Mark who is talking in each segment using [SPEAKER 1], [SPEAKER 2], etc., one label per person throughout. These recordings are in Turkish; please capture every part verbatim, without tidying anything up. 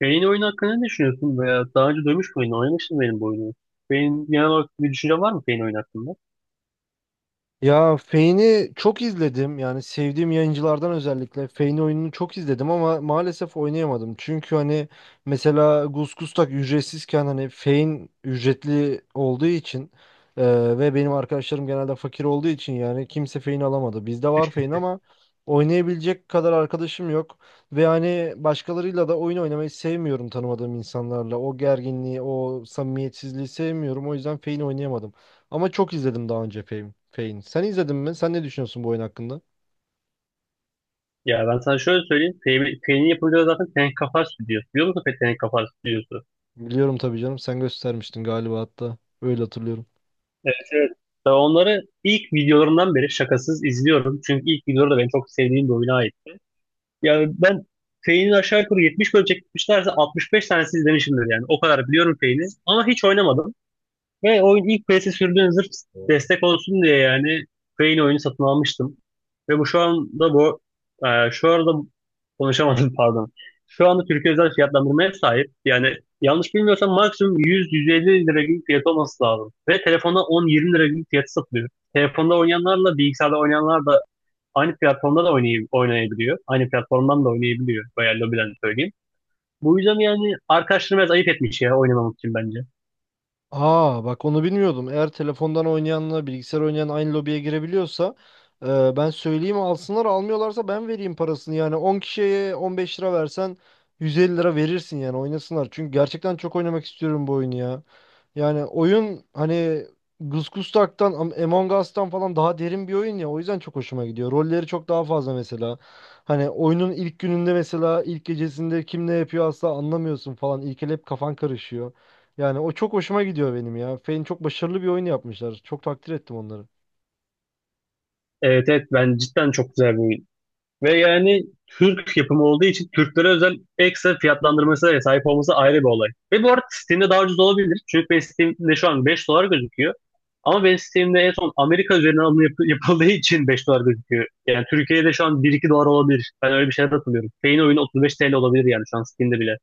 [SPEAKER 1] Beyin oyunu hakkında ne düşünüyorsun veya daha önce duymuş muydun? Oynamıştın benim bu oyunu. Beyin genel olarak bir düşünce var mı Pain oyunu hakkında?
[SPEAKER 2] Ya Fane'i çok izledim. Yani sevdiğim yayıncılardan özellikle Fane oyununu çok izledim ama maalesef oynayamadım. Çünkü hani mesela Gusgustak ücretsizken hani Fane ücretli olduğu için e, ve benim arkadaşlarım genelde fakir olduğu için yani kimse Fane alamadı. Bizde var Fane ama oynayabilecek kadar arkadaşım yok. Ve hani başkalarıyla da oyun oynamayı sevmiyorum tanımadığım insanlarla. O gerginliği, o samimiyetsizliği sevmiyorum. O yüzden Fane oynayamadım. Ama çok izledim daha önce Fame, Fane. Sen izledin mi? Sen ne düşünüyorsun bu oyun hakkında?
[SPEAKER 1] Ya ben sana şöyle söyleyeyim. Pain- Pain'in yapımcıları zaten Tenek Kafar Stüdyosu. Biliyor musun peki Tenek Kafar Stüdyosu?
[SPEAKER 2] Biliyorum tabii canım. Sen göstermiştin galiba hatta. Öyle hatırlıyorum.
[SPEAKER 1] Evet evet. Ben onları ilk videolarından beri şakasız izliyorum. Çünkü ilk videoları da benim çok sevdiğim bir oyuna ait. Yani ben Pain'in aşağı yukarı yetmiş bölüm çekmişlerse altmış beş tanesi izlemişimdir yani. O kadar biliyorum Pain'i ama hiç oynamadım. Ve oyun ilk P S'e sürdüğüm zırh destek olsun diye yani Crane oyunu satın almıştım. Ve bu şu anda bu e, şu arada konuşamadım pardon. Şu anda Türkiye özel fiyatlandırmaya sahip. Yani yanlış bilmiyorsam maksimum yüz yüz elli lira gibi fiyat olması lazım. Ve telefonda on yirmi lira gibi fiyatı satılıyor. Telefonda oynayanlarla bilgisayarda oynayanlar da aynı platformda da oynay- oynayabiliyor. Aynı platformdan da oynayabiliyor. Veya lobiden söyleyeyim. Bu yüzden yani arkadaşlarım biraz ayıp etmiş ya oynamamak için bence.
[SPEAKER 2] Aa bak onu bilmiyordum. Eğer telefondan oynayanla bilgisayar oynayan aynı lobiye girebiliyorsa e, ben söyleyeyim alsınlar, almıyorlarsa ben vereyim parasını. Yani on kişiye on beş lira versen yüz elli lira verirsin yani oynasınlar. Çünkü gerçekten çok oynamak istiyorum bu oyunu ya. Yani oyun hani Gusgustak'tan Am- Among Us'tan falan daha derin bir oyun ya. O yüzden çok hoşuma gidiyor. Rolleri çok daha fazla mesela. Hani oyunun ilk gününde mesela ilk gecesinde kim ne yapıyor asla anlamıyorsun falan. İlk el hep kafan karışıyor. Yani o çok hoşuma gidiyor benim ya. Fein çok başarılı bir oyun yapmışlar. Çok takdir ettim onları.
[SPEAKER 1] Evet evet ben cidden çok güzel bir oyun. Ve yani Türk yapımı olduğu için Türklere özel ekstra fiyatlandırmasına da sahip olması ayrı bir olay. Ve bu arada Steam'de daha ucuz olabilir. Çünkü benim Steam'de şu an beş dolar gözüküyor. Ama benim Steam'de en son Amerika üzerinden alım yap- yapıldığı için beş dolar gözüküyor. Yani Türkiye'de şu an bir iki dolar olabilir. Ben öyle bir şeyler hatırlıyorum. Payne oyunu otuz beş T L olabilir yani şu an Steam'de bile.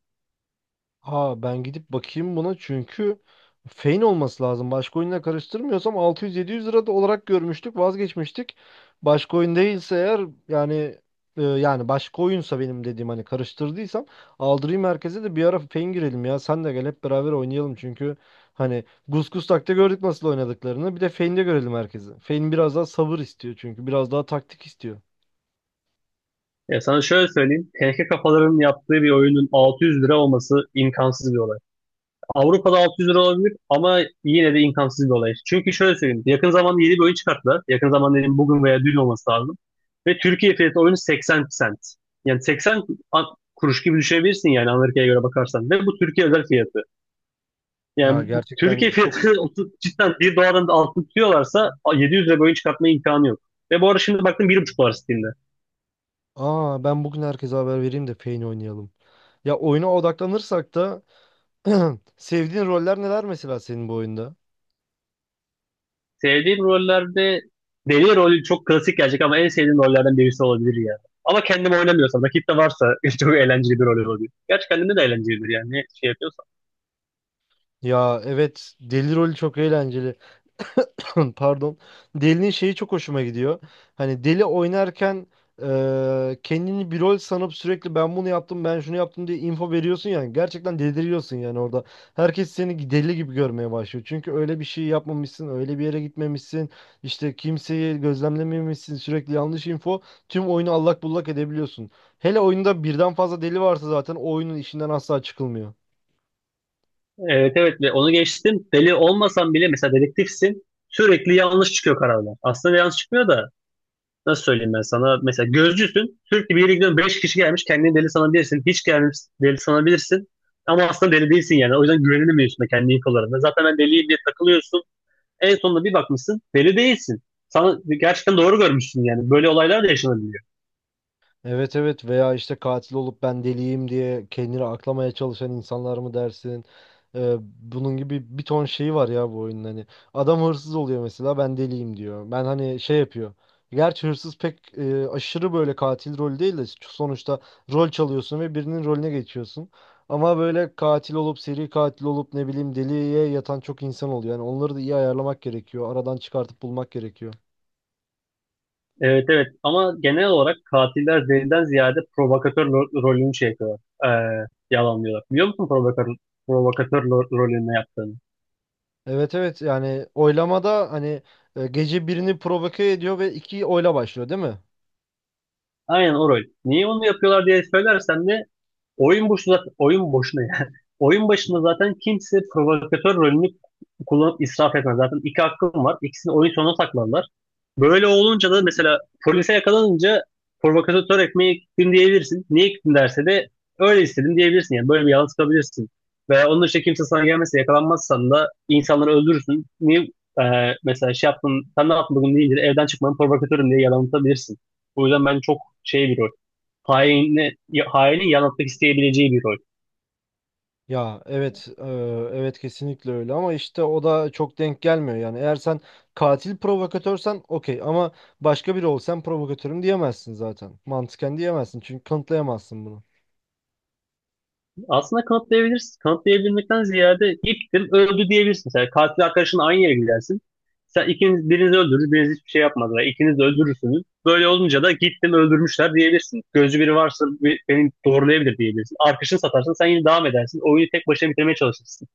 [SPEAKER 2] Ha ben gidip bakayım buna çünkü Fein olması lazım. Başka oyunla karıştırmıyorsam altı yüz yedi yüz lira da olarak görmüştük, vazgeçmiştik. Başka oyun değilse eğer, yani e, yani başka oyunsa benim dediğim hani karıştırdıysam aldırayım, merkeze de bir ara Fein girelim ya. Sen de gel hep beraber oynayalım çünkü hani Gus takta gördük nasıl oynadıklarını. Bir de Fein'de görelim herkesi. Fein biraz daha sabır istiyor çünkü biraz daha taktik istiyor.
[SPEAKER 1] Ya sana şöyle söyleyeyim. T K kafaların yaptığı bir oyunun altı yüz lira olması imkansız bir olay. Avrupa'da altı yüz lira olabilir ama yine de imkansız bir olay. Çünkü şöyle söyleyeyim. Yakın zamanda yeni bir oyun çıkarttılar. Yakın zamanda dedim bugün veya dün olması lazım. Ve Türkiye fiyatı oyunu seksen sent. Yani seksen an- kuruş gibi düşünebilirsin yani Amerika'ya göre bakarsan. Ve bu Türkiye özel fiyatı.
[SPEAKER 2] Ya
[SPEAKER 1] Yani bu, Türkiye
[SPEAKER 2] gerçekten çok...
[SPEAKER 1] fiyatı otuz cidden bir doların altını tutuyorlarsa a, yedi yüz lira bir oyun çıkartma imkanı yok. Ve bu arada şimdi baktım bir buçuk dolar Steam'de.
[SPEAKER 2] Aa ben bugün herkese haber vereyim de Pain oynayalım. Ya oyuna odaklanırsak da sevdiğin roller neler mesela senin bu oyunda?
[SPEAKER 1] Sevdiğim rollerde deli rolü çok klasik gelecek ama en sevdiğim rollerden birisi olabilir ya. Ama kendim oynamıyorsam, rakip de varsa çok eğlenceli bir rol oluyor. Gerçi kendimde de eğlencelidir yani ne şey yapıyorsam.
[SPEAKER 2] Ya evet, deli rolü çok eğlenceli. Pardon. Deli'nin şeyi çok hoşuma gidiyor. Hani Deli oynarken e, kendini bir rol sanıp sürekli ben bunu yaptım ben şunu yaptım diye info veriyorsun yani. Gerçekten deliriyorsun yani orada. Herkes seni deli gibi görmeye başlıyor. Çünkü öyle bir şey yapmamışsın, öyle bir yere gitmemişsin. İşte kimseyi gözlemlememişsin. Sürekli yanlış info. Tüm oyunu allak bullak edebiliyorsun. Hele oyunda birden fazla deli varsa zaten o oyunun işinden asla çıkılmıyor.
[SPEAKER 1] Evet evet ve onu geçtim. Deli olmasan bile mesela dedektifsin sürekli yanlış çıkıyor kararlar. Aslında yanlış çıkmıyor da nasıl söyleyeyim ben sana. Mesela gözcüsün sürekli bir yere gidiyorsun beş kişi gelmiş kendini deli sanabilirsin. Hiç gelmiş deli sanabilirsin. Ama aslında deli değilsin yani. O yüzden güvenilmiyorsun da kendi ilk olarak. Zaten ben deliyim diye takılıyorsun. En sonunda bir bakmışsın deli değilsin. Sana gerçekten doğru görmüşsün yani. Böyle olaylar da yaşanabiliyor.
[SPEAKER 2] Evet evet, veya işte katil olup ben deliyim diye kendini aklamaya çalışan insanlar mı dersin? Ee, bunun gibi bir ton şeyi var ya bu oyunun hani. Adam hırsız oluyor mesela ben deliyim diyor. Ben hani şey yapıyor. Gerçi hırsız pek e, aşırı böyle katil rolü değil de sonuçta rol çalıyorsun ve birinin rolüne geçiyorsun. Ama böyle katil olup seri katil olup ne bileyim deliye yatan çok insan oluyor. Yani onları da iyi ayarlamak gerekiyor. Aradan çıkartıp bulmak gerekiyor.
[SPEAKER 1] Evet evet ama genel olarak katiller deliden ziyade provokatör ro- rolünü şey yapıyorlar. Ee, Yalanlıyorlar. Biliyor musun provokatör, provokatör ro- rolünü ne yaptığını?
[SPEAKER 2] Evet evet, yani oylamada hani e, gece birini provoke ediyor ve iki oyla başlıyor değil mi?
[SPEAKER 1] Aynen o rol. Niye onu yapıyorlar diye söylersem de oyun boşuna, oyun boşuna yani. Oyun başında zaten kimse provokatör rolünü kullanıp israf etmez. Zaten iki hakkım var. İkisini oyun sonuna saklarlar. Böyle olunca da mesela polise yakalanınca provokatör ekmeği gittim diyebilirsin. Niye gittin derse de öyle istedim diyebilirsin. Yani böyle bir yalan çıkabilirsin. Veya onun dışında kimse sana gelmezse yakalanmazsan da insanları öldürürsün. Niye e, mesela şey yaptın, sen ne yaptın bugün deyince de evden çıkmanın provokatörüm diye yalan atabilirsin. O yüzden ben çok şey bir rol. Haini, hainin yalan atmak isteyebileceği bir rol.
[SPEAKER 2] Ya evet, e, evet kesinlikle öyle ama işte o da çok denk gelmiyor yani. Eğer sen katil provokatörsen okey ama başka biri olsan provokatörüm diyemezsin zaten, mantıken diyemezsin çünkü kanıtlayamazsın bunu.
[SPEAKER 1] Aslında kanıtlayabilirsin. Kanıtlayabilmekten ziyade gittin öldü diyebilirsin. Sen katil arkadaşınla aynı yere gidersin. Sen ikiniz birinizi öldürür, biriniz hiçbir şey yapmadı. Yani İkiniz de öldürürsünüz. Böyle olunca da gittim öldürmüşler diyebilirsin. Gözcü biri varsa bi- beni doğrulayabilir diyebilirsin. Arkadaşını satarsın sen yine devam edersin. Oyunu tek başına bitirmeye çalışırsın.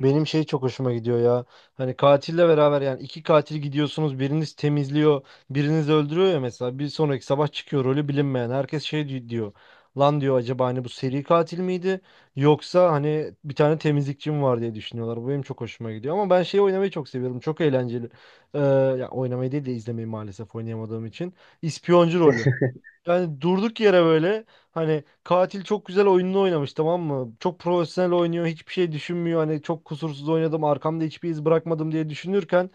[SPEAKER 2] Benim şey çok hoşuma gidiyor ya. Hani katille beraber yani iki katil gidiyorsunuz. Biriniz temizliyor, biriniz öldürüyor ya mesela. Bir sonraki sabah çıkıyor rolü bilinmeyen. Herkes şey di- diyor. Lan diyor, acaba hani bu seri katil miydi? Yoksa hani bir tane temizlikçi mi var diye düşünüyorlar. Bu benim çok hoşuma gidiyor. Ama ben şeyi oynamayı çok seviyorum. Çok eğlenceli. Ee, ya oynamayı değil de izlemeyi, maalesef oynayamadığım için. İspiyoncu rolü. Yani durduk yere böyle hani katil çok güzel oyununu oynamış tamam mı? Çok profesyonel oynuyor, hiçbir şey düşünmüyor, hani çok kusursuz oynadım arkamda hiçbir iz bırakmadım diye düşünürken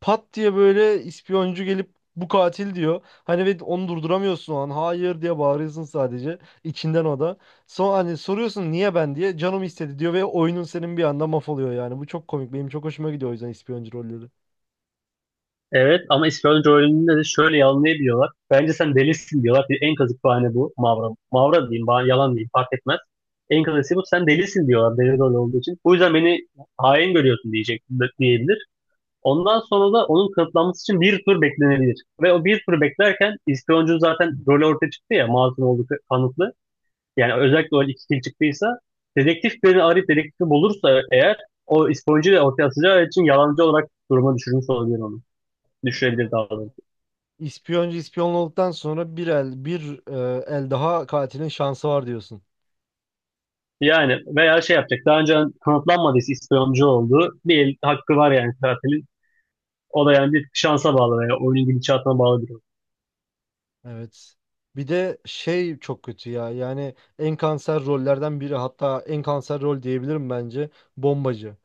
[SPEAKER 2] pat diye böyle ispiyoncu gelip bu katil diyor. Hani ve onu durduramıyorsun, o an hayır diye bağırıyorsun sadece içinden o da. Son hani soruyorsun niye ben diye, canım istedi diyor ve oyunun senin bir anda mahvoluyor yani. Bu çok komik, benim çok hoşuma gidiyor o yüzden ispiyoncu rolleri.
[SPEAKER 1] Evet ama İspanyolca öğreniminde de şöyle yalanlayabiliyorlar. Bence sen delisin diyorlar. Bir en kazık bahane bu. Mavra. Mavra diyeyim, bah- yalan diyeyim fark etmez. En kazısı bu. Sen delisin diyorlar deli rol olduğu için. Bu yüzden beni hain görüyorsun diyecek diyebilir. Ondan sonra da onun kanıtlanması için bir tur beklenebilir. Ve o bir tur beklerken İspanyolcu zaten rolü ortaya çıktı ya masum olduğu kanıtlı. Yani özellikle o iki kil çıktıysa dedektif beni arayıp dedektifi bulursa eğer o İspanyolcuyu ortaya atacağı için yalancı olarak duruma düşürmüş olabilir onu. Düşürebilir
[SPEAKER 2] Ha.
[SPEAKER 1] daha doğrusu.
[SPEAKER 2] İspiyoncu ispiyon olduktan sonra bir el, bir e, el daha katilin şansı var diyorsun.
[SPEAKER 1] Yani veya şey yapacak. Daha önce kanıtlanmadıysa ispiyoncu olduğu bir el hakkı var yani katilin. O da yani bir şansa bağlı veya oyunun gidişatına bağlı bir durum.
[SPEAKER 2] Evet. Bir de şey çok kötü ya. Yani en kanser rollerden biri, hatta en kanser rol diyebilirim bence, bombacı.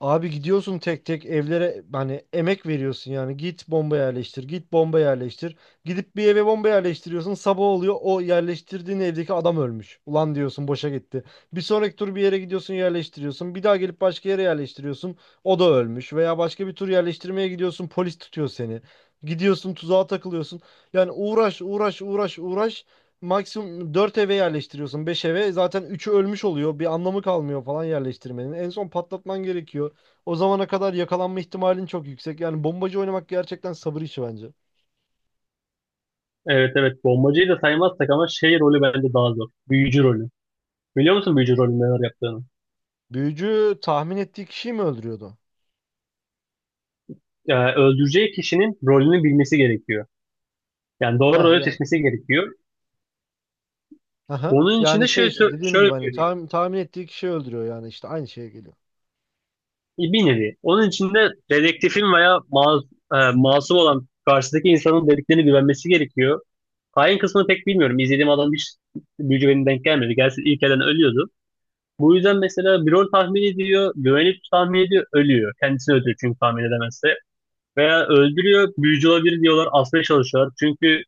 [SPEAKER 2] Abi gidiyorsun tek tek evlere, hani emek veriyorsun yani git bomba yerleştir git bomba yerleştir, gidip bir eve bomba yerleştiriyorsun sabah oluyor o yerleştirdiğin evdeki adam ölmüş, ulan diyorsun boşa gitti. Bir sonraki tur bir yere gidiyorsun yerleştiriyorsun, bir daha gelip başka yere yerleştiriyorsun, o da ölmüş, veya başka bir tur yerleştirmeye gidiyorsun polis tutuyor seni, gidiyorsun tuzağa takılıyorsun, yani uğraş uğraş uğraş uğraş. Maksimum dört eve yerleştiriyorsun, beş eve zaten üçü ölmüş oluyor, bir anlamı kalmıyor falan yerleştirmenin, en son patlatman gerekiyor, o zamana kadar yakalanma ihtimalin çok yüksek. Yani bombacı oynamak gerçekten sabır işi bence.
[SPEAKER 1] Evet evet bombacıyı da saymazsak ama şey rolü bence daha zor. Büyücü rolü. Biliyor musun büyücü rolünün neler yaptığını?
[SPEAKER 2] Büyücü tahmin ettiği kişiyi mi öldürüyordu?
[SPEAKER 1] Yani öldüreceği kişinin rolünü bilmesi gerekiyor. Yani doğru
[SPEAKER 2] Heh
[SPEAKER 1] rolü
[SPEAKER 2] yani.
[SPEAKER 1] seçmesi gerekiyor.
[SPEAKER 2] Aha.
[SPEAKER 1] Onun için
[SPEAKER 2] Yani
[SPEAKER 1] de
[SPEAKER 2] şey
[SPEAKER 1] şöyle,
[SPEAKER 2] işte
[SPEAKER 1] sö-
[SPEAKER 2] dediğim
[SPEAKER 1] şöyle
[SPEAKER 2] gibi hani
[SPEAKER 1] söyleyeyim.
[SPEAKER 2] tahmin, tahmin ettiği kişiyi öldürüyor yani işte aynı şeye geliyor.
[SPEAKER 1] Bir nevi. Onun için de dedektifin veya ma- e, masum olan karşıdaki insanın dediklerine güvenmesi gerekiyor. Hain kısmını pek bilmiyorum. İzlediğim adam hiç büyücü benim denk gelmedi. Gelsin ilk elden ölüyordu. Bu yüzden mesela bir rol tahmin ediyor, güvenip tahmin ediyor, ölüyor. Kendisini öldürüyor çünkü tahmin edemezse. Veya öldürüyor, büyücü olabilir diyorlar, asmaya çalışıyorlar. Çünkü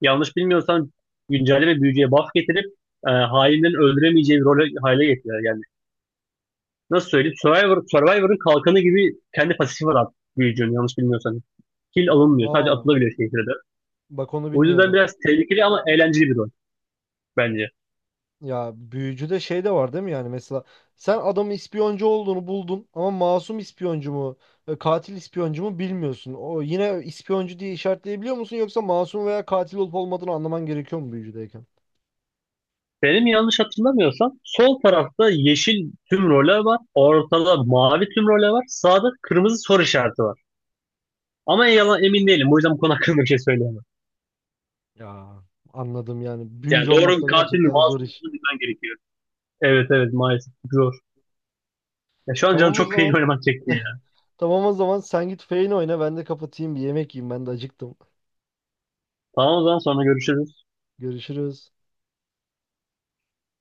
[SPEAKER 1] yanlış bilmiyorsan güncelleme büyücüye buff getirip e, hainlerin öldüremeyeceği bir role hale getiriyor yani. Nasıl söyleyeyim? Survivor, Survivor'ın kalkanı gibi kendi pasifi var artık büyücünün yanlış bilmiyorsan. Kill alınmıyor. Sadece
[SPEAKER 2] Aa
[SPEAKER 1] atılabiliyor şehirde.
[SPEAKER 2] bak onu
[SPEAKER 1] O yüzden
[SPEAKER 2] bilmiyordum.
[SPEAKER 1] biraz tehlikeli ama eğlenceli bir rol bence.
[SPEAKER 2] Ya büyücüde şey de var değil mi, yani mesela sen adamın ispiyoncu olduğunu buldun ama masum ispiyoncu mu e, katil ispiyoncu mu bilmiyorsun. O yine ispiyoncu diye işaretleyebiliyor musun, yoksa masum veya katil olup olmadığını anlaman gerekiyor mu büyücüdeyken?
[SPEAKER 1] Benim yanlış hatırlamıyorsam sol tarafta yeşil tüm role var. Ortada mavi tüm role var. Sağda kırmızı soru işareti var. Ama yalan emin değilim. O yüzden bu konu hakkında bir şey söyleyemem.
[SPEAKER 2] Ya anladım yani. Büyücü
[SPEAKER 1] Yani
[SPEAKER 2] olmak
[SPEAKER 1] doğru
[SPEAKER 2] da
[SPEAKER 1] katil mi
[SPEAKER 2] gerçekten zor
[SPEAKER 1] masum mu
[SPEAKER 2] iş.
[SPEAKER 1] olduğunu bilmen gerekiyor. Evet evet maalesef zor. Ya şu an canım
[SPEAKER 2] Tamam o
[SPEAKER 1] çok peynir
[SPEAKER 2] zaman.
[SPEAKER 1] oynamak çekti ya.
[SPEAKER 2] Tamam o zaman sen git Feyn oyna, ben de kapatayım bir yemek yiyeyim, ben de acıktım.
[SPEAKER 1] Tamam o zaman sonra görüşürüz.
[SPEAKER 2] Görüşürüz.